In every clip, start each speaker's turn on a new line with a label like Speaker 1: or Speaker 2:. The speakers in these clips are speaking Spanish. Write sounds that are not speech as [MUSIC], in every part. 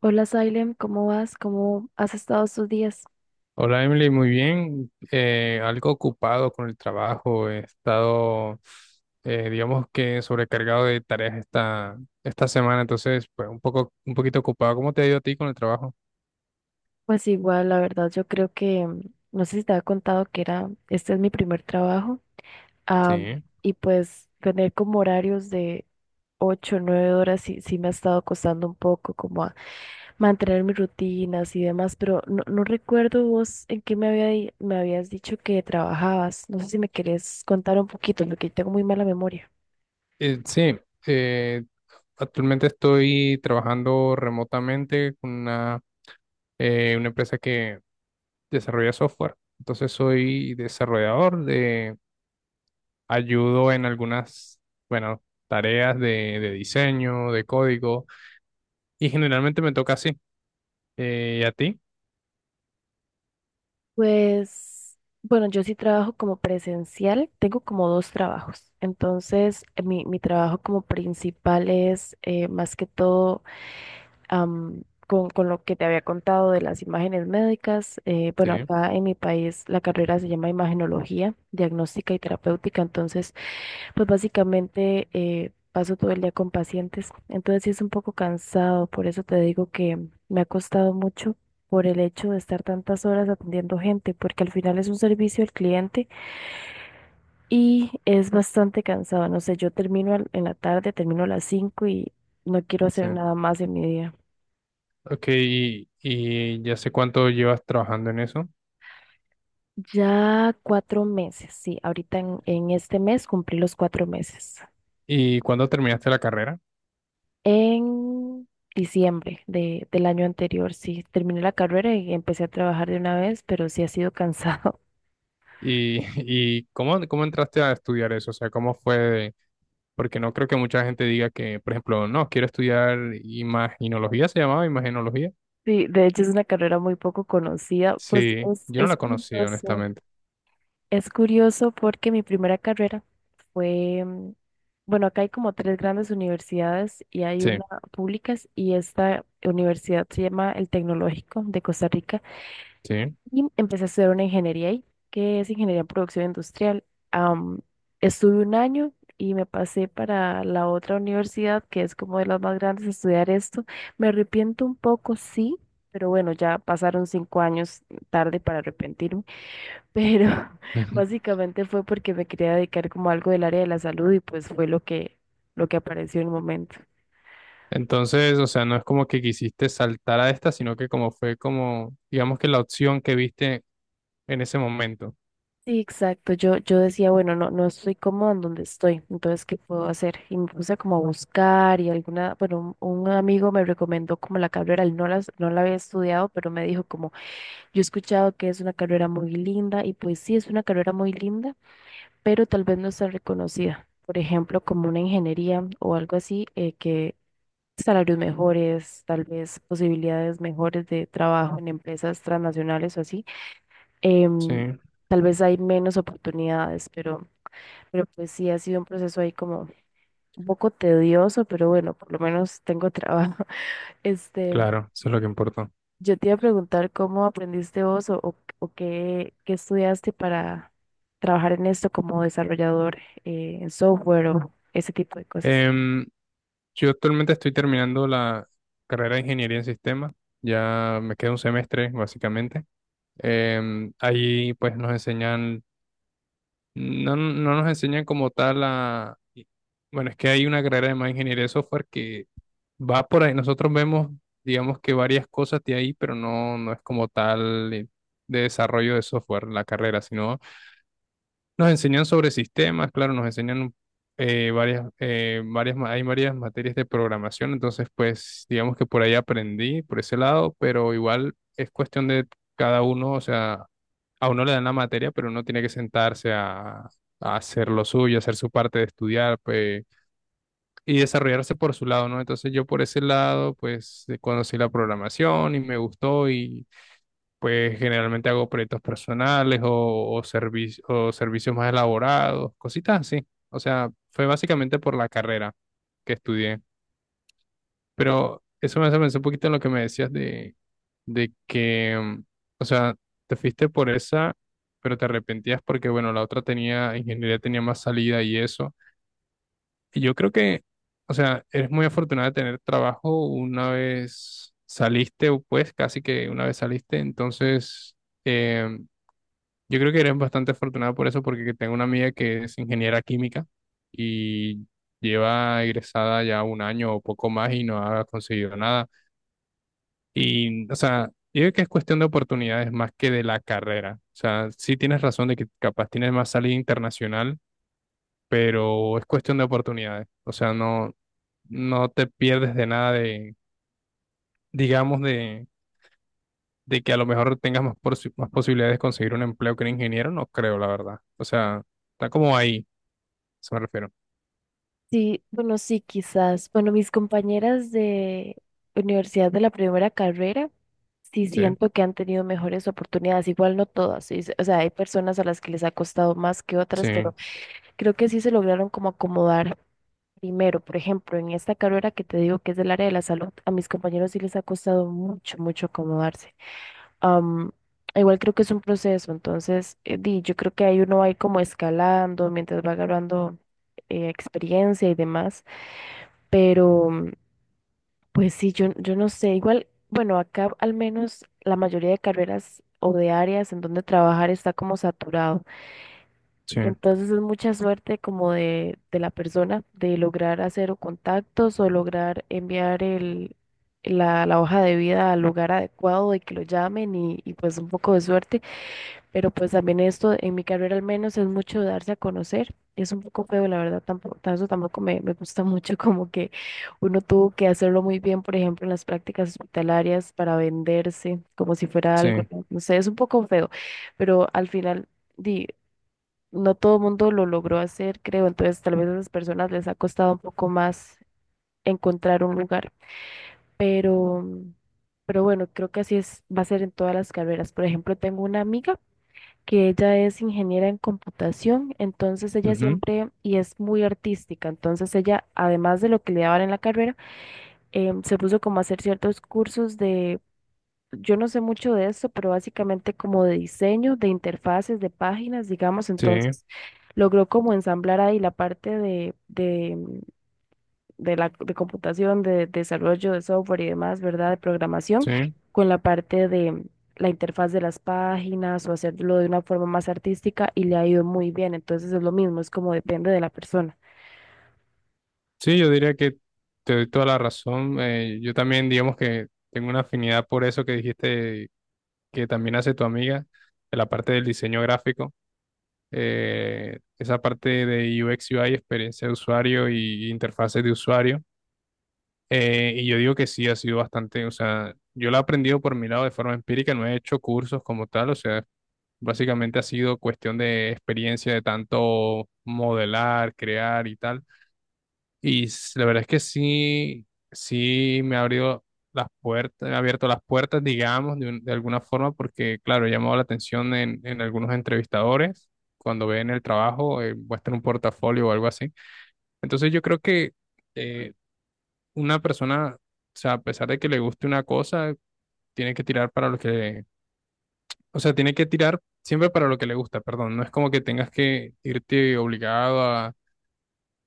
Speaker 1: Hola, Salem, ¿cómo vas? ¿Cómo has estado estos días?
Speaker 2: Hola Emily, muy bien. Algo ocupado con el trabajo. He estado, digamos que sobrecargado de tareas esta semana, entonces, pues un poquito ocupado. ¿Cómo te ha ido a ti con el trabajo?
Speaker 1: Pues igual, la verdad, yo creo que no sé si te había contado que era, este es mi primer trabajo, ah,
Speaker 2: Sí.
Speaker 1: y pues tener como horarios de ocho, o 9 horas sí, sí me ha estado costando un poco como a mantener mis rutinas y demás, pero no, no recuerdo vos en qué me había, me habías dicho que trabajabas. No sé si me querés contar un poquito, porque tengo muy mala memoria.
Speaker 2: Eh, sí, eh, Actualmente estoy trabajando remotamente con una empresa que desarrolla software. Entonces soy desarrollador de ayudo en bueno, tareas de diseño, de código. Y generalmente me toca así. ¿Y a ti?
Speaker 1: Pues, bueno, yo sí trabajo como presencial, tengo como dos trabajos. Entonces, mi trabajo como principal es más que todo con lo que te había contado de las imágenes médicas.
Speaker 2: Sí,
Speaker 1: Bueno, acá en mi país la carrera se llama imagenología, diagnóstica y terapéutica. Entonces, pues básicamente paso todo el día con pacientes, entonces sí es un poco cansado, por eso te digo que me ha costado mucho por el hecho de estar tantas horas atendiendo gente, porque al final es un servicio al cliente y es bastante cansado. No sé, yo termino en la tarde, termino a las 5 y no quiero
Speaker 2: sí.
Speaker 1: hacer nada más en mi día.
Speaker 2: Ok, y ya sé cuánto llevas trabajando en eso.
Speaker 1: Ya 4 meses, sí, ahorita en este mes cumplí los 4 meses.
Speaker 2: ¿Y cuándo terminaste la carrera?
Speaker 1: En diciembre del año anterior, sí, terminé la carrera y empecé a trabajar de una vez, pero sí ha sido cansado. [LAUGHS]
Speaker 2: ¿Y, [LAUGHS] y cómo entraste a estudiar eso? O sea, ¿cómo fue? Porque no creo que mucha gente diga que, por ejemplo, no, quiero estudiar imaginología, ¿se llamaba imaginología?
Speaker 1: Sí, de hecho es una carrera muy poco conocida. Pues
Speaker 2: Sí, yo no
Speaker 1: es
Speaker 2: la conocía,
Speaker 1: curioso.
Speaker 2: honestamente.
Speaker 1: Es curioso porque mi primera carrera fue, bueno, acá hay como tres grandes universidades y hay
Speaker 2: Sí,
Speaker 1: una públicas y esta universidad se llama el Tecnológico de Costa Rica.
Speaker 2: sí.
Speaker 1: Y empecé a estudiar una ingeniería ahí, que es ingeniería en producción industrial. Am, Estuve 1 año y me pasé para la otra universidad, que es como de las más grandes, a estudiar esto. Me arrepiento un poco, sí, pero bueno, ya pasaron 5 años tarde para arrepentirme. Pero [LAUGHS]
Speaker 2: Ujú.
Speaker 1: básicamente fue porque me quería dedicar como a algo del área de la salud y pues fue lo que apareció en el momento.
Speaker 2: [LAUGHS] Entonces, o sea, no es como que quisiste saltar a esta, sino que como fue como, digamos que la opción que viste en ese momento.
Speaker 1: Sí, exacto. Yo decía, bueno, no, no estoy cómoda en donde estoy, entonces, ¿qué puedo hacer? Y me puse como a buscar y alguna, bueno, un amigo me recomendó como la carrera, él no no la había estudiado, pero me dijo como, yo he escuchado que es una carrera muy linda y pues sí, es una carrera muy linda, pero tal vez no está reconocida. Por ejemplo, como una ingeniería o algo así, que salarios mejores, tal vez posibilidades mejores de trabajo en empresas transnacionales o así
Speaker 2: Sí,
Speaker 1: em, tal vez hay menos oportunidades, pero pues sí ha sido un proceso ahí como un poco tedioso, pero bueno, por lo menos tengo trabajo. [LAUGHS] Este,
Speaker 2: claro, eso es lo que importa.
Speaker 1: yo te iba a preguntar cómo aprendiste vos o qué estudiaste para trabajar en esto como desarrollador en software o ese tipo de cosas.
Speaker 2: Em, yo actualmente estoy terminando la carrera de ingeniería en sistemas. Ya me queda un semestre, básicamente. Ahí pues nos enseñan, no, no nos enseñan como tal a... Bueno, es que hay una carrera de más ingeniería de software que va por ahí. Nosotros vemos, digamos que varias cosas de ahí, pero no, no es como tal de desarrollo de software la carrera, sino... Nos enseñan sobre sistemas, claro, nos enseñan eh, varias, hay varias materias de programación, entonces pues digamos que por ahí aprendí, por ese lado, pero igual es cuestión de cada uno, o sea, a uno le dan la materia, pero uno tiene que sentarse a hacer lo suyo, hacer su parte de estudiar, pues, y desarrollarse por su lado, ¿no? Entonces yo por ese lado, pues conocí la programación y me gustó. Pues generalmente hago proyectos personales o o servicios más elaborados, cositas así. O sea, fue básicamente por la carrera que estudié. Pero eso me hace pensar un poquito en lo que me decías de que, o sea, te fuiste por esa, pero te arrepentías porque, bueno, la otra tenía, ingeniería tenía más salida y eso. Y yo creo o sea, eres muy afortunada de tener trabajo una vez saliste, o pues casi que una vez saliste, entonces... em, Yo creo que eres bastante afortunado por eso, porque tengo una amiga que es ingeniera química y lleva egresada ya un año o poco más y no ha conseguido nada. Y, o sea, yo creo que es cuestión de oportunidades más que de la carrera. O sea, sí tienes razón de que capaz tienes más salida internacional, pero es cuestión de oportunidades. O sea, no te pierdes de nada digamos, de que a lo mejor tengas más posibilidades de conseguir un empleo que un ingeniero, no creo, la verdad. O sea, está como ahí. Eso me refiero.
Speaker 1: Sí, bueno, sí, quizás. Bueno, mis compañeras de universidad de la primera carrera, sí
Speaker 2: Sí,
Speaker 1: siento que han tenido mejores oportunidades. Igual no todas, sí, o sea, hay personas a las que les ha costado más que otras, pero
Speaker 2: sí,
Speaker 1: creo que sí se lograron como acomodar primero. Por ejemplo, en esta carrera que te digo que es del área de la salud, a mis compañeros sí les ha costado mucho, mucho acomodarse. Am, Igual creo que es un proceso, entonces, yo creo que ahí uno va a ir como escalando mientras va agarrando experiencia y demás. Pero pues sí, yo no sé, igual, bueno, acá al menos la mayoría de carreras o de áreas en donde trabajar está como saturado.
Speaker 2: sí,
Speaker 1: Entonces es mucha suerte como de la persona de lograr hacer o contactos o lograr enviar la hoja de vida al lugar adecuado y que lo llamen y pues un poco de suerte. Pero pues también esto, en mi carrera al menos, es mucho darse a conocer. Es un poco feo, la verdad, tampoco, eso tampoco me gusta [LAUGHS] mucho, como que uno tuvo que hacerlo muy bien, por ejemplo, en las prácticas hospitalarias para venderse, como si fuera algo,
Speaker 2: sí,
Speaker 1: no no sé, es un poco feo, pero al final, di, no todo el mundo lo logró hacer, creo, entonces tal vez a esas personas les ha costado un poco más encontrar un lugar, pero, pero bueno, creo que así es, va a ser en todas las carreras. Por ejemplo, tengo una amiga que ella es ingeniera en computación, entonces ella
Speaker 2: ujú,
Speaker 1: siempre, y es muy artística, entonces ella, además de lo que le daban en la carrera, se puso como a hacer ciertos cursos de, yo no sé mucho de esto, pero básicamente como de diseño, de interfaces, de páginas, digamos,
Speaker 2: sí,
Speaker 1: entonces logró como ensamblar ahí la parte de la de computación, de, desarrollo de software y demás, ¿verdad? De programación,
Speaker 2: sí.
Speaker 1: con la parte de la interfaz de las páginas o hacerlo de una forma más artística y le ha ido muy bien. Entonces es lo mismo, es como depende de la persona.
Speaker 2: Sí, yo diría que te doy toda la razón. Yo también, digamos que tengo una afinidad por eso que dijiste que también hace tu amiga, de la parte del diseño gráfico, esa parte de UX, UI, experiencia de usuario y interfaces de usuario. Y yo digo que sí, ha sido bastante, o sea, yo lo he aprendido por mi lado de forma empírica, no he hecho cursos como tal, o sea, básicamente ha sido cuestión de experiencia, de tanto modelar, crear y tal. Y la verdad es que sí, sí me ha abierto las puertas, digamos, de alguna forma, porque claro, he llamado la atención en algunos entrevistadores cuando ven el trabajo, muestran un portafolio o algo así. Entonces yo creo que... eh, una persona, o sea, a pesar de que le guste una cosa, tiene que tirar para lo que, o sea, tiene que tirar siempre para lo que le gusta, perdón. No es como que tengas que irte obligado a,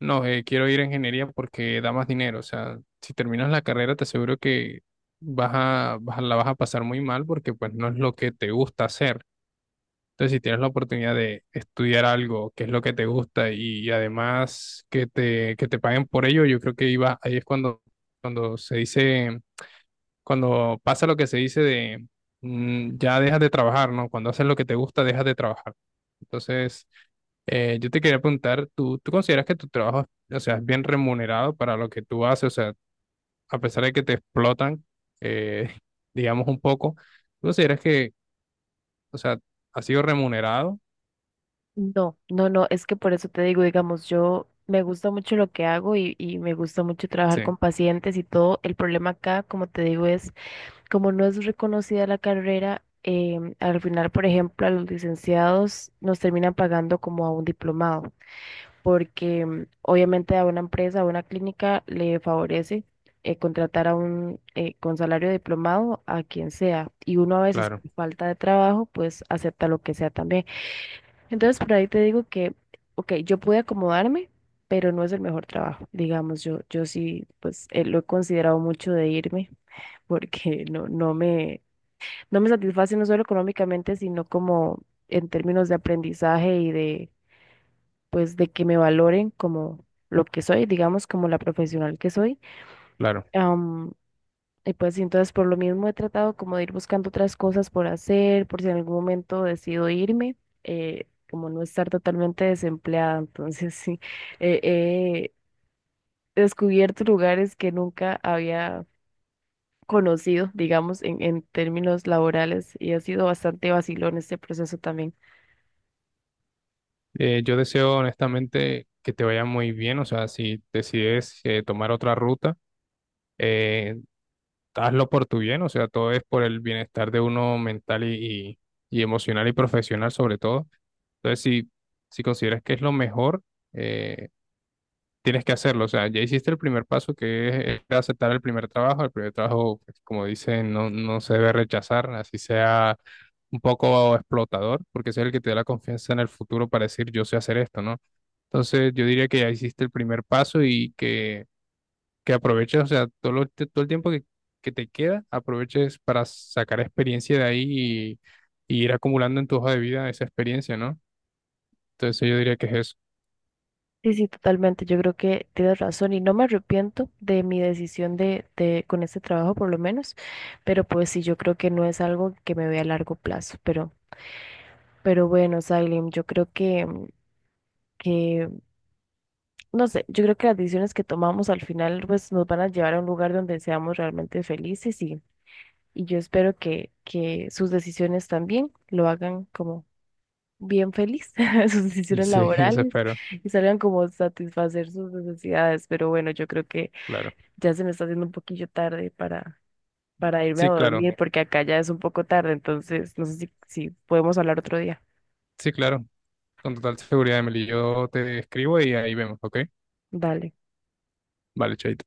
Speaker 2: no, quiero ir a ingeniería porque da más dinero. O sea, si terminas la carrera, te aseguro que la vas a pasar muy mal porque pues no es lo que te gusta hacer. Entonces, si tienes la oportunidad de estudiar algo que es lo que te gusta y, además que que te paguen por ello, yo creo que iba, ahí es cuando se dice cuando pasa lo que se dice de mm, ya dejas de trabajar, ¿no? Cuando haces lo que te gusta, dejas de trabajar. Entonces, yo te quería preguntar, tú consideras que tu trabajo, o sea, es bien remunerado para lo que tú haces? O sea, a pesar de que te explotan, eh, [LAUGHS] digamos un poco, ¿tú consideras que, o sea, ha sido remunerado?
Speaker 1: No, no, no, es que por eso te digo, digamos, yo me gusta mucho lo que hago y me gusta mucho trabajar
Speaker 2: Sí,
Speaker 1: con pacientes y todo. El problema acá, como te digo, es como no es reconocida la carrera, al final, por ejemplo, a los licenciados nos terminan pagando como a un diplomado. Porque obviamente a una empresa, a una clínica le favorece contratar a un con salario diplomado a quien sea y uno a veces
Speaker 2: claro,
Speaker 1: por falta de trabajo pues acepta lo que sea también. Entonces por ahí te digo que, ok, yo pude acomodarme, pero no es el mejor trabajo, digamos, yo sí pues lo he considerado mucho de irme [LAUGHS] porque no me, no me satisface no solo económicamente, sino como en términos de aprendizaje y de pues de que me valoren como lo que soy, digamos, como la profesional que soy.
Speaker 2: claro.
Speaker 1: Am, y pues y entonces por lo mismo he tratado como de ir buscando otras cosas por hacer, por si en algún momento decido irme, como no estar totalmente desempleada. Entonces [LAUGHS] sí, eh, he descubierto lugares que nunca había conocido, digamos, en términos laborales y ha sido bastante vacilón este proceso también.
Speaker 2: Yo deseo honestamente que te vaya muy bien, o sea, si decides tomar otra ruta, eh, hazlo por tu bien, o sea, todo es por el bienestar de uno mental y y emocional y profesional sobre todo. Entonces, si consideras que es lo mejor, eh, tienes que hacerlo. O sea, ya hiciste el primer paso, que es aceptar el primer trabajo. El primer trabajo, pues, como dicen, no se debe rechazar, así sea un poco explotador, porque ese es el que te da la confianza en el futuro para decir, yo sé hacer esto, ¿no? Entonces, yo diría que ya hiciste el primer paso y que aproveches, o sea, todo el tiempo que te queda, aproveches para sacar experiencia de ahí y, y ir acumulando en tu hoja de vida esa experiencia, ¿no? Entonces yo diría que es eso.
Speaker 1: Sí, sí, totalmente. Yo creo que tienes razón y no me arrepiento de mi decisión de con este trabajo por lo menos, pero pues sí, yo creo que no es algo que me vea a largo plazo, pero bueno, Salim, yo creo que, no sé, yo creo que las decisiones que tomamos al final pues nos van a llevar a un lugar donde seamos realmente felices y yo espero que sus decisiones también lo hagan como bien feliz, [LAUGHS] sus decisiones
Speaker 2: Sí, [LAUGHS] eso
Speaker 1: laborales
Speaker 2: espero,
Speaker 1: y salgan como satisfacer sus necesidades, pero bueno, yo creo que
Speaker 2: claro.
Speaker 1: ya se me está haciendo un poquillo tarde para irme a
Speaker 2: Sí,
Speaker 1: dormir porque acá ya es un poco tarde, entonces no sé si, si podemos hablar otro día.
Speaker 2: sí, claro, con total seguridad, Emily. Yo te escribo y ahí vemos, ¿ok?
Speaker 1: Dale.
Speaker 2: Vale, chaito.